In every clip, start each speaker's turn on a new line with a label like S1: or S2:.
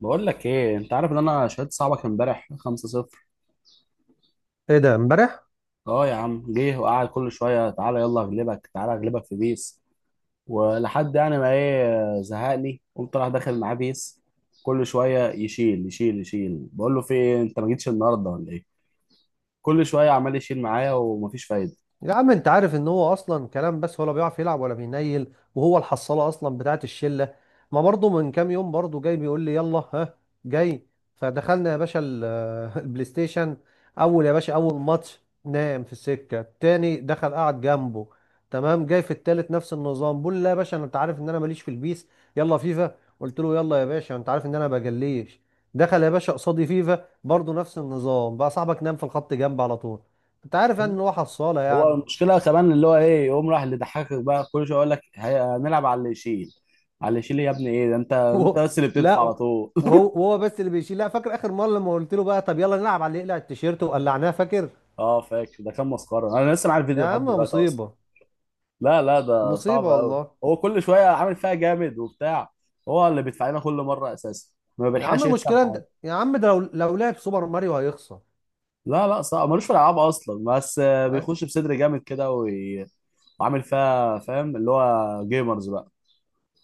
S1: بقول لك ايه؟ انت عارف ان انا شهدت صاحبك امبارح 5-0.
S2: ايه ده امبارح؟
S1: اه يا عم، جه وقعد كل شويه، تعالى يلا اغلبك، تعالى اغلبك في بيس. ولحد يعني ما ايه، زهقني، قمت راح داخل معاه بيس. كل شويه يشيل يشيل يشيل. بقول له في ايه؟ انت ما جيتش النهارده ولا ايه؟ كل شويه عمال يشيل معايا ومفيش فايده.
S2: يا عم انت عارف ان هو اصلا كلام بس، ولا بيعرف يلعب ولا بينيل، وهو الحصاله اصلا بتاعت الشله. ما برضه من كام يوم برضه جاي بيقول لي يلا ها جاي، فدخلنا يا باشا البلاي ستيشن. اول يا باشا، اول ماتش نام في السكه التاني، دخل قعد جنبه. تمام، جاي في التالت نفس النظام، بقول لا يا باشا، انت عارف ان انا ماليش في البيس. يلا فيفا، قلت له يلا يا باشا، انت عارف ان انا بجليش. دخل يا باشا قصادي فيفا برضه نفس النظام، بقى صاحبك نام في الخط جنب على طول. انت عارف يعني ان هو حصاله
S1: هو
S2: يعني.
S1: المشكله كمان اللي هو ايه، يقوم راح اللي ضحكك بقى كل شويه يقول لك هنلعب على اللي يشيل، على اللي يشيل. إيه يا ابني ايه ده؟ انت انت
S2: و...
S1: بس اللي بتدفع
S2: لا.
S1: على طول.
S2: وهو بس اللي بيشيل. لا، فاكر اخر مره لما قلت له بقى طب يلا نلعب على اللي يقلع التيشيرت وقلعناه؟ فاكر؟
S1: اه فاكر، ده كان مسخره، انا لسه معايا
S2: يا
S1: الفيديو
S2: عم
S1: لحد دلوقتي اصلا.
S2: مصيبه.
S1: لا لا، ده
S2: مصيبه
S1: صعب قوي،
S2: والله.
S1: هو كل شويه عامل فيها جامد وبتاع. هو اللي بيدفع لنا كل مره اساسا، ما
S2: يا
S1: بيلحقش
S2: عم
S1: يكسب
S2: المشكله
S1: حاجه.
S2: انت يا عم، ده لو لعب سوبر ماريو هيخسر.
S1: لا لا، صعب، ملوش في الالعاب اصلا، بس
S2: أي.
S1: بيخش بصدر جامد كده وعامل فيها فاهم، اللي هو جيمرز بقى.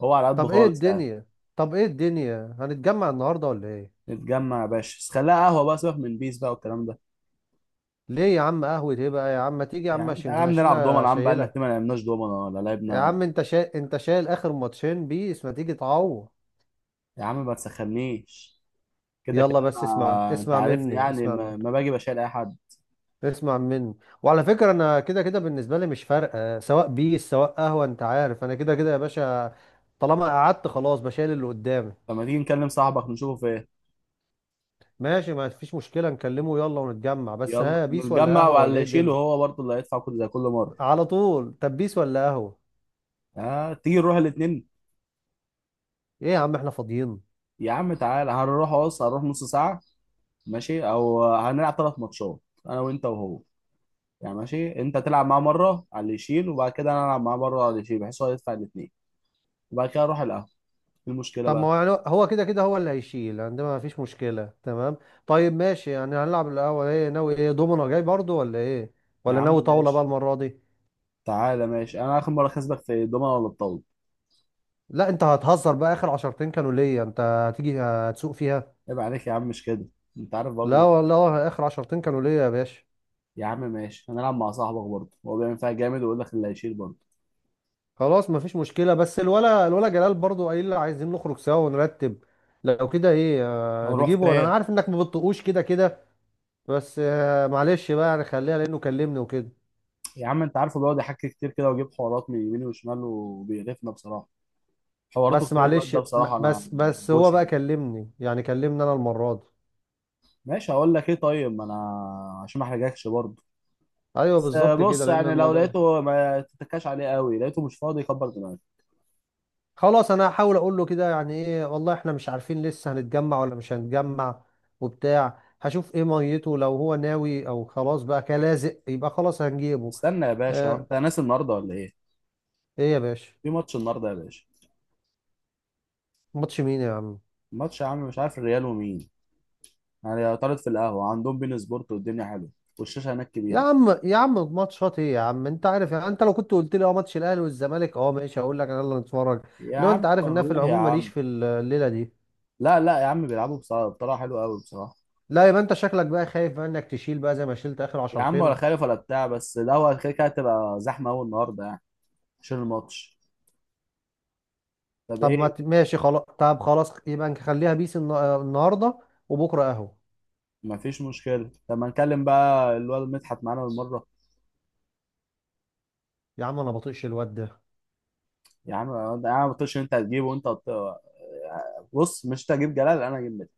S1: هو على قده
S2: طب ايه
S1: خالص يعني.
S2: الدنيا؟ طب ايه الدنيا، هنتجمع النهارده ولا ايه؟
S1: نتجمع يا باشا، بس خليها قهوه بقى، سيبك من بيس بقى والكلام ده.
S2: ليه يا عم؟ قهوه ايه بقى يا عم؟ ما تيجي يا
S1: يا
S2: عم
S1: عم تعالى
S2: عشان
S1: يا
S2: كان
S1: عم نلعب دومنه،
S2: عشان.
S1: يا عم بقالنا كتير ما
S2: شايلك.
S1: لعبناش دومنه ولا
S2: يا
S1: لعبنا.
S2: عم، انت شايل اخر ماتشين بيس، ما تيجي تعوض؟
S1: يا عم ما تسخنيش، كده كده
S2: يلا بس، اسمع
S1: انت
S2: اسمع
S1: عارفني
S2: مني،
S1: يعني
S2: اسمع مني.
S1: ما باجي بشيل اي حد.
S2: اسمع منه. وعلى فكرة انا كده كده بالنسبة لي مش فارقة، سواء بيس سواء قهوة، انت عارف انا كده كده يا باشا. طالما قعدت خلاص، بشيل اللي قدامي.
S1: فما تيجي نكلم صاحبك نشوفه فين.
S2: ماشي، ما فيش مشكلة، نكلمه. يلا ونتجمع، بس
S1: يلا
S2: ها، بيس ولا
S1: نتجمع،
S2: قهوة ولا
S1: وعلى
S2: ايه
S1: يشيله
S2: الدنيا؟
S1: هو برضه اللي هيدفع كل زي كل مره.
S2: على طول. طب بيس ولا قهوة؟
S1: آه، تيجي نروح الاثنين.
S2: ايه يا عم، احنا فاضيين؟
S1: يا عم تعالى، هنروح، بص هنروح نص ساعه، ماشي؟ او هنلعب 3 ماتشات، انا وانت وهو. يعني ماشي، انت تلعب معاه مره على اللي يشيل، وبعد كده انا العب معاه مره على اللي يشيل، بحيث هو يدفع الاثنين، وبعد كده اروح القهوه. ايه المشكله
S2: طب ما
S1: بقى؟
S2: هو يعني هو كده كده، هو اللي هيشيل عندنا، ما فيش مشكلة، تمام. طيب ماشي، يعني هنلعب القهوة، ايه ناوي؟ ايه، دومنا جاي برضو ولا ايه؟
S1: يا
S2: ولا
S1: عم
S2: ناوي طاولة بقى
S1: ماشي.
S2: المرة دي؟
S1: تعالى ماشي، انا اخر مره كسبك في الدومنه ولا الطاوله؟
S2: لا انت هتهزر بقى، اخر عشرتين كانوا ليا، انت هتيجي هتسوق فيها.
S1: عيب عليك يا عم، مش كده، انت عارف
S2: لا
S1: برضه.
S2: والله اخر عشرتين كانوا ليا يا باشا.
S1: يا عم ماشي، هنلعب مع صاحبك برضه، هو بيعمل فيها جامد ويقول لك اللي هيشيل برضه.
S2: خلاص مفيش مشكله، بس الولا جلال برضو قايل لي عايزين نخرج سوا ونرتب. لو كده ايه؟ آه
S1: هنروح
S2: نجيبه، وانا
S1: فين؟
S2: أنا عارف انك ما بتطقوش كده كده. بس آه معلش بقى، يعني خليها لانه كلمني وكده.
S1: يا عم انت عارفه، بيقعد يحكي كتير كده ويجيب حوارات من يمين وشمال وبيقرفنا بصراحه. حواراته
S2: بس
S1: كتير، الواد
S2: معلش
S1: ده
S2: م-
S1: بصراحه انا
S2: بس
S1: ما
S2: بس هو
S1: بحبوش
S2: بقى
S1: يعني.
S2: كلمني، يعني كلمني انا المره دي.
S1: ماشي، هقول لك ايه طيب، ما انا عشان ما احرجكش برضه
S2: ايوه
S1: بس.
S2: بالظبط كده،
S1: بص
S2: لان
S1: يعني، لو
S2: الموضوع.
S1: لقيته ما تتكاش عليه قوي، لقيته مش فاضي كبر دماغك.
S2: خلاص انا هحاول اقول له كده، يعني ايه والله، احنا مش عارفين لسه هنتجمع ولا مش هنتجمع وبتاع. هشوف ايه ميته، لو هو ناوي او خلاص بقى كلازق يبقى خلاص هنجيبه.
S1: استنى يا باشا،
S2: آه.
S1: انت ناس النهارده ولا ايه؟
S2: ايه يا باشا؟
S1: في ماتش النهارده يا باشا.
S2: ماتش مين يا عم
S1: ماتش يا عم، مش عارف، الريال ومين. يعني طارد في القهوه عندهم، بين سبورت، والدنيا حلوه، والشاشه هناك
S2: يا
S1: كبيره.
S2: عم يا عم، ماتشات ايه يا عم؟ انت عارف يعني، انت لو كنت قلت لي اه ماتش الاهلي والزمالك، اه ماشي هقول لك يلا نتفرج.
S1: يا
S2: انما
S1: عم
S2: انت عارف
S1: ما
S2: ان أنا في
S1: نروح يا
S2: العموم ماليش
S1: عم.
S2: في الليله دي.
S1: لا لا يا عم، بيلعبوا بصراحة بطريقة حلوة قوي بصراحة.
S2: لا يبقى انت شكلك بقى خايف بقى انك تشيل بقى زي ما شلت اخر
S1: يا عم ولا
S2: عشرتين.
S1: خالف ولا بتاع، بس ده هو كده كده هتبقى زحمة أوي النهاردة يعني، عشان الماتش. طب
S2: طب ما
S1: إيه؟
S2: ت- ماشي خلاص، طب خلاص يبقى نخليها بيس، النهارده وبكره اهو.
S1: مفيش مشكلة، طب ما نكلم بقى الواد مدحت معانا بالمرة.
S2: يا عم انا بطيقش الواد ده.
S1: يا عم أنا ما قلتش إن أنت هتجيبه بص، مش أنت هتجيب جلال، أنا هجيب مدحت.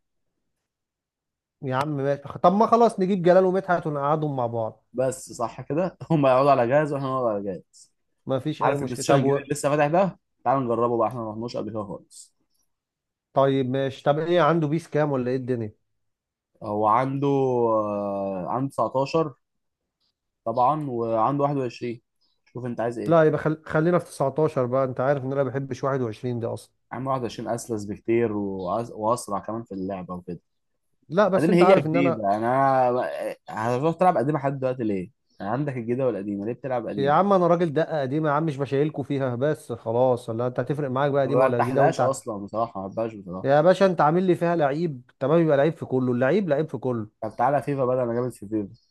S2: يا عم ماشي، طب ما خلاص نجيب جلال ومدحت ونقعدهم مع بعض،
S1: بس صح كده. هما يقعدوا على جهاز وإحنا نقعد على جهاز.
S2: ما فيش اي
S1: عارف البلاي
S2: مشكله.
S1: ستيشن
S2: طب
S1: الجديد اللي لسه فاتح ده؟ تعال نجربه بقى، إحنا ما رحناش قبل كده خالص.
S2: طيب ماشي، طب ايه عنده بيس كام ولا ايه الدنيا؟
S1: هو عنده 19 طبعا، وعنده 21، شوف انت عايز ايه.
S2: لا يبقى خلينا في 19 بقى، انت عارف ان انا ما بحبش 21 دي اصلا.
S1: عنده 21 اسلس بكتير واسرع كمان في اللعبه وكده.
S2: لا بس
S1: بعدين
S2: انت
S1: هي
S2: عارف ان انا.
S1: جديده، انا هتروح تلعب قديمه لحد دلوقتي ليه؟ يعني عندك الجديده والقديمه، ليه بتلعب
S2: يا
S1: قديمه؟
S2: عم انا راجل دقه قديمه يا عم، مش بشايلكوا فيها بس خلاص، ولا انت هتفرق معاك بقى
S1: ما
S2: قديمه ولا جديده،
S1: برتاحلهاش اصلا بصراحه، ما بحبهاش بصراحه.
S2: يا باشا انت عامل لي فيها لعيب، تمام، يبقى لعيب في كله، اللعيب لعيب في كله.
S1: طب تعالى فيفا بدل، انا جامد في فيفا،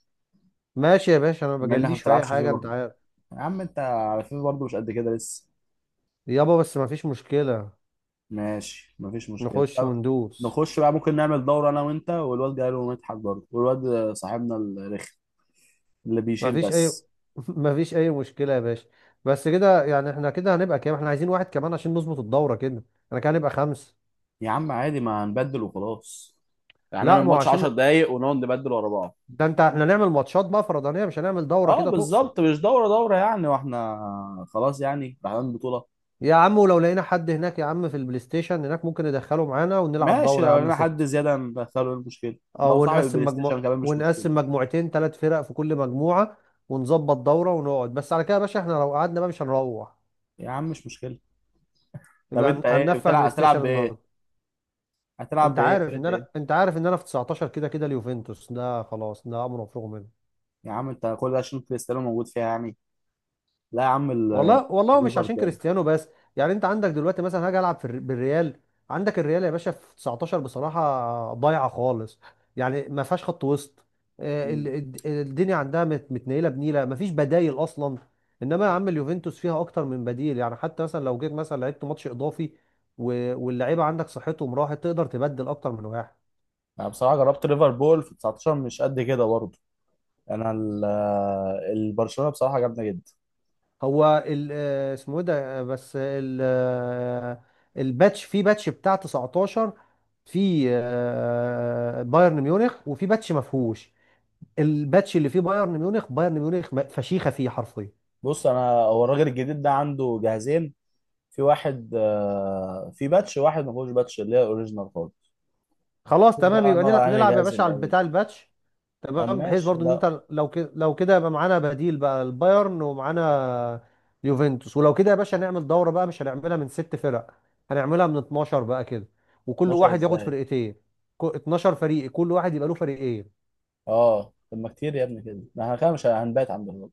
S2: ماشي يا باشا، انا ما
S1: بما انك ما
S2: بجليش في اي
S1: بتلعبش
S2: حاجه، انت
S1: فيفا.
S2: عارف.
S1: يا عم انت على فيفا برضه مش قد كده لسه.
S2: يابا بس ما فيش مشكله.
S1: ماشي مفيش مشكله،
S2: نخش
S1: طب.
S2: وندوس.
S1: نخش بقى، ممكن نعمل دورة أنا وأنت والواد جاي له مدحت برضه والواد صاحبنا الرخم اللي
S2: ما
S1: بيشيل
S2: فيش اي
S1: بس.
S2: ما فيش اي مشكله يا باشا. بس كده يعني احنا كده هنبقى كام؟ احنا عايزين واحد كمان عشان نظبط الدوره كده. انا كده هنبقى خمسه.
S1: يا عم عادي، ما هنبدل وخلاص، يعني
S2: لا
S1: نعمل
S2: ما هو
S1: ماتش
S2: عشان،
S1: 10 دقايق ونقعد نبدل ورا بعض.
S2: ده انت احنا نعمل ماتشات بقى فردانيه، مش هنعمل دوره
S1: اه
S2: كده تقصد؟
S1: بالظبط، مش دورة دورة يعني، واحنا خلاص يعني رايحين بطولة.
S2: يا عم ولو لقينا حد هناك يا عم في البلاي ستيشن هناك، ممكن ندخله معانا ونلعب
S1: ماشي،
S2: دوره يا
S1: لو
S2: عم
S1: لنا حد
S2: ست.
S1: زيادة ندخله، إيه المشكلة؟
S2: اه،
S1: لو صاحب
S2: ونقسم
S1: البلاي ستيشن
S2: مجموع،
S1: كمان مش مشكلة.
S2: ونقسم مجموعتين ثلاث فرق في كل مجموعة. ونظبط دورة ونقعد، بس على كده يا باشا، احنا لو قعدنا بقى مش هنروح.
S1: يا عم مش مشكلة. طب
S2: يبقى
S1: انت ايه
S2: هننفع البلاي
S1: بتلعب، هتلعب
S2: ستيشن النهارده.
S1: بايه؟ هتلعب
S2: انت
S1: بايه،
S2: عارف
S1: فرقة
S2: ان انا،
S1: ايه؟
S2: انت عارف ان انا في 19 كده كده اليوفنتوس ده خلاص، ده امر مفروغ منه.
S1: يا عم انت كل ده عشان كريستيانو موجود فيها يعني؟ لا يا عم،
S2: والله والله مش
S1: الريفر
S2: عشان
S1: كده.
S2: كريستيانو بس. يعني انت عندك دلوقتي مثلا، هاجي العب في بالريال. عندك الريال يا باشا في 19 بصراحه ضايعه خالص، يعني ما فيهاش خط وسط.
S1: مم.
S2: الدنيا عندها متنيله بنيله، ما فيش بدايل اصلا. انما يا عم اليوفنتوس فيها اكتر من بديل، يعني حتى مثلا لو جيت مثلا لعبت ماتش اضافي واللعيبه عندك صحتهم راحت، تقدر تبدل اكتر من واحد.
S1: انا بصراحة جربت ليفربول في 19 مش قد كده برضه. انا البرشلونة بصراحة جامدة جدا.
S2: هو ال اسمه ايه ده، آه، بس ال آه، الباتش، في باتش بتاع 19، في بايرن ميونخ وفي باتش ما فيهوش. الباتش اللي فيه بايرن ميونخ، بايرن ميونخ فشيخه فيه حرفيا.
S1: بص، انا هو الراجل الجديد ده عنده جهازين. في واحد في باتش، واحد ما فيهوش باتش، اللي هي الاوريجينال خالص.
S2: خلاص
S1: شوف
S2: تمام،
S1: بقى
S2: يبقى
S1: نقعد على انهي
S2: نلعب يا
S1: جهاز
S2: باشا
S1: اللي
S2: على
S1: هيجي.
S2: بتاع الباتش.
S1: طب
S2: تمام، بحيث
S1: ماشي.
S2: برضو ان
S1: لا،
S2: انت لو كده، لو كده يبقى معانا بديل بقى البايرن ومعانا اليوفنتوس. ولو كده يا باشا نعمل دورة بقى، مش هنعملها من ست فرق، هنعملها من 12 بقى كده، وكل
S1: 12
S2: واحد ياخد
S1: ازاي؟
S2: فرقتين. 12 فريق، كل واحد يبقى له فريقين.
S1: اه طب ما كتير يا ابني كده، ما احنا كده مش هنبات عند الراجل.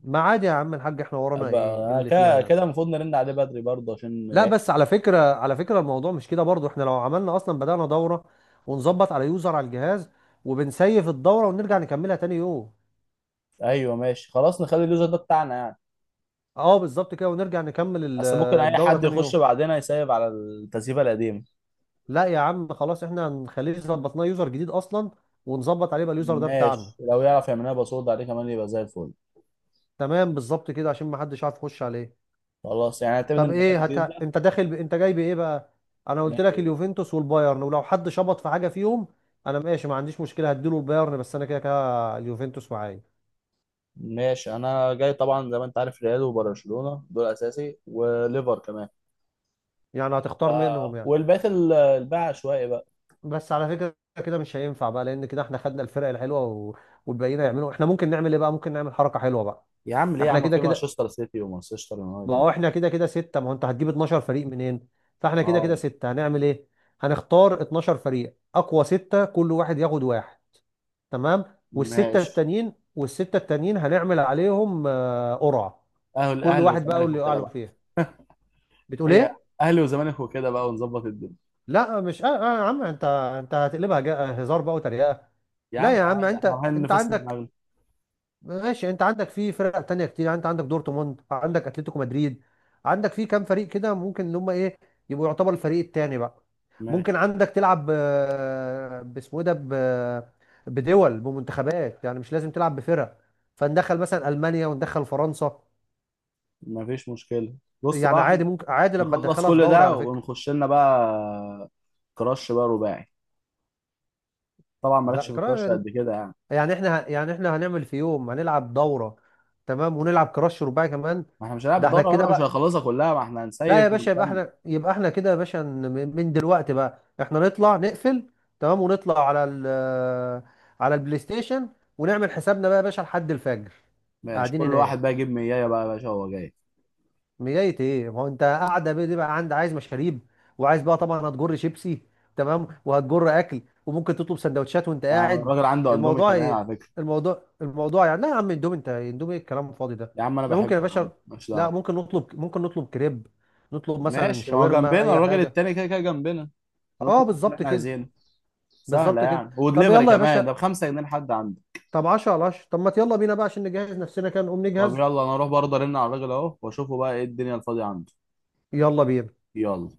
S2: ما عادي يا عم الحاج، احنا ورانا
S1: أبقى-
S2: ايه، إيه
S1: انا
S2: اللي فيها
S1: كده
S2: يعني.
S1: كده المفروض نرن عليه بدري برضه
S2: لا بس على فكرة، على فكرة الموضوع مش كده برضو، احنا لو عملنا اصلا بدأنا دورة، ونظبط على يوزر على الجهاز، وبنسيف الدورة ونرجع نكملها تاني يوم.
S1: ايوه ماشي خلاص، نخلي اليوزر ده بتاعنا يعني.
S2: اه بالظبط كده، ونرجع نكمل
S1: اصل ممكن اي
S2: الدورة
S1: حد
S2: تاني
S1: يخش
S2: يوم.
S1: بعدنا يسيب على التسييفه القديمه.
S2: لا يا عم خلاص، احنا هنخليه ظبطناه يوزر جديد اصلا، ونظبط عليه بقى اليوزر ده بتاعنا.
S1: ماشي، لو يعرف يعمل لنا باسورد عليه كمان يبقى زي الفل.
S2: تمام بالظبط كده، عشان ما حدش عارف يخش عليه.
S1: خلاص يعني، اعتمد
S2: طب
S1: المكان
S2: ايه
S1: الجديد
S2: انت داخل انت جاي بايه بقى؟ انا قلت لك
S1: ده.
S2: اليوفنتوس والبايرن، ولو حد شبط في حاجه فيهم، انا ماشي ما عنديش مشكله، هديله البايرن، بس انا كده كده اليوفنتوس معايا.
S1: ماشي، انا جاي طبعا زي ما انت عارف ريال وبرشلونه، دول اساسي، وليفر كمان.
S2: يعني هتختار
S1: آه.
S2: منهم يعني؟
S1: والباقي الباقي عشوائي بقى.
S2: بس على فكره، كده مش هينفع بقى، لان كده احنا خدنا الفرق الحلوه والباقيين هيعملوا احنا ممكن نعمل ايه بقى، ممكن نعمل حركه حلوه بقى.
S1: يا عم ليه يا
S2: احنا
S1: عم،
S2: كده
S1: في
S2: كده،
S1: مانشستر سيتي ومانشستر
S2: ما
S1: يونايتد.
S2: هو احنا كده كده ستة، ما هو انت هتجيب 12 فريق منين؟ فاحنا كده
S1: اه
S2: كده ستة هنعمل ايه؟ هنختار 12 فريق، اقوى ستة كل واحد ياخد واحد، تمام. والستة
S1: ماشي،
S2: التانيين، والستة التانيين هنعمل عليهم قرعة،
S1: اهل
S2: كل
S1: اهلي
S2: واحد بقى
S1: والزمالك
S2: واللي يقع
S1: وكده
S2: له
S1: بقى.
S2: فيها. بتقول
S1: هي
S2: ايه؟
S1: اهلي والزمالك وكده بقى، ونظبط الدنيا.
S2: لا مش آه آه يا عم، انت هتقلبها هزار بقى وتريقة.
S1: يا
S2: لا
S1: عم
S2: يا عم،
S1: عادي، احنا
S2: انت
S1: رايحين
S2: انت
S1: نفسد
S2: عندك،
S1: دماغنا.
S2: ماشي، انت عندك في فرق تانية كتير، يعني انت عندك دورتموند، عندك اتلتيكو مدريد، عندك في كام فريق كده، ممكن ان هم ايه، يبقوا يعتبر الفريق التاني بقى.
S1: ماشي
S2: ممكن عندك تلعب، آه، باسمه ايه ده ب- بدول، بمنتخبات، يعني مش لازم تلعب بفرق، فندخل مثلا المانيا وندخل فرنسا.
S1: مفيش مشكله. بص
S2: يعني
S1: بقى، احنا
S2: عادي، ممكن عادي لما
S1: نخلص
S2: تدخلها في
S1: كل
S2: دوري
S1: ده
S2: على فكرة.
S1: ونخش لنا بقى كراش بقى رباعي. طبعا مالكش
S2: لا،
S1: في الكراش قد كده يعني.
S2: يعني احنا يعني احنا هنعمل في يوم هنلعب دورة تمام، ونلعب كراش رباعي كمان.
S1: ما احنا مش هنلعب
S2: ده احنا
S1: الدورة
S2: كده
S1: بقى، مش
S2: بقى.
S1: هنخلصها كلها، ما احنا
S2: لا يا
S1: هنسيف
S2: باشا، يبقى
S1: ونكمل.
S2: احنا، يبقى احنا كده يا باشا، من دلوقتي بقى احنا نطلع نقفل تمام، ونطلع على على البلاي ستيشن، ونعمل حسابنا بقى يا باشا لحد الفجر،
S1: ماشي،
S2: قاعدين
S1: كل
S2: هناك.
S1: واحد بقى يجيب 100 بقى يا باشا وهو جاي.
S2: مجاية ايه، ما هو انت قاعده بيه دي بقى، عند عايز مشاريب، وعايز بقى طبعا هتجر شيبسي، تمام، وهتجر اكل، وممكن تطلب سندوتشات وانت
S1: آه،
S2: قاعد.
S1: الراجل عنده اندومي
S2: الموضوع
S1: كمان
S2: ايه؟
S1: على فكرة.
S2: الموضوع الموضوع يعني، لا يا عم اندومي، انت اندومي ايه الكلام الفاضي ده؟
S1: يا عم انا
S2: احنا ممكن يا
S1: بحبه يا عم،
S2: باشا،
S1: ماليش
S2: لا
S1: دعوة.
S2: ممكن نطلب، ممكن نطلب كريب، نطلب مثلا
S1: ماشي، ما هو
S2: شاورما
S1: جنبنا
S2: اي
S1: الراجل
S2: حاجه.
S1: التاني كده كده جنبنا،
S2: اه
S1: نطلب اللي
S2: بالظبط
S1: احنا
S2: كده.
S1: عايزينه. سهلة
S2: بالظبط كده.
S1: يعني،
S2: طب
S1: ودليفري
S2: يلا يا
S1: كمان ده
S2: باشا.
S1: بـ5 جنيه لحد عنده.
S2: طب 10 على 10، طب ما يلا بينا بقى عشان نجهز نفسنا كده، نقوم
S1: طب
S2: نجهز.
S1: يلا انا اروح برضه ارن على الراجل اهو، واشوفه بقى ايه الدنيا الفاضية عنده.
S2: يلا بينا.
S1: يلا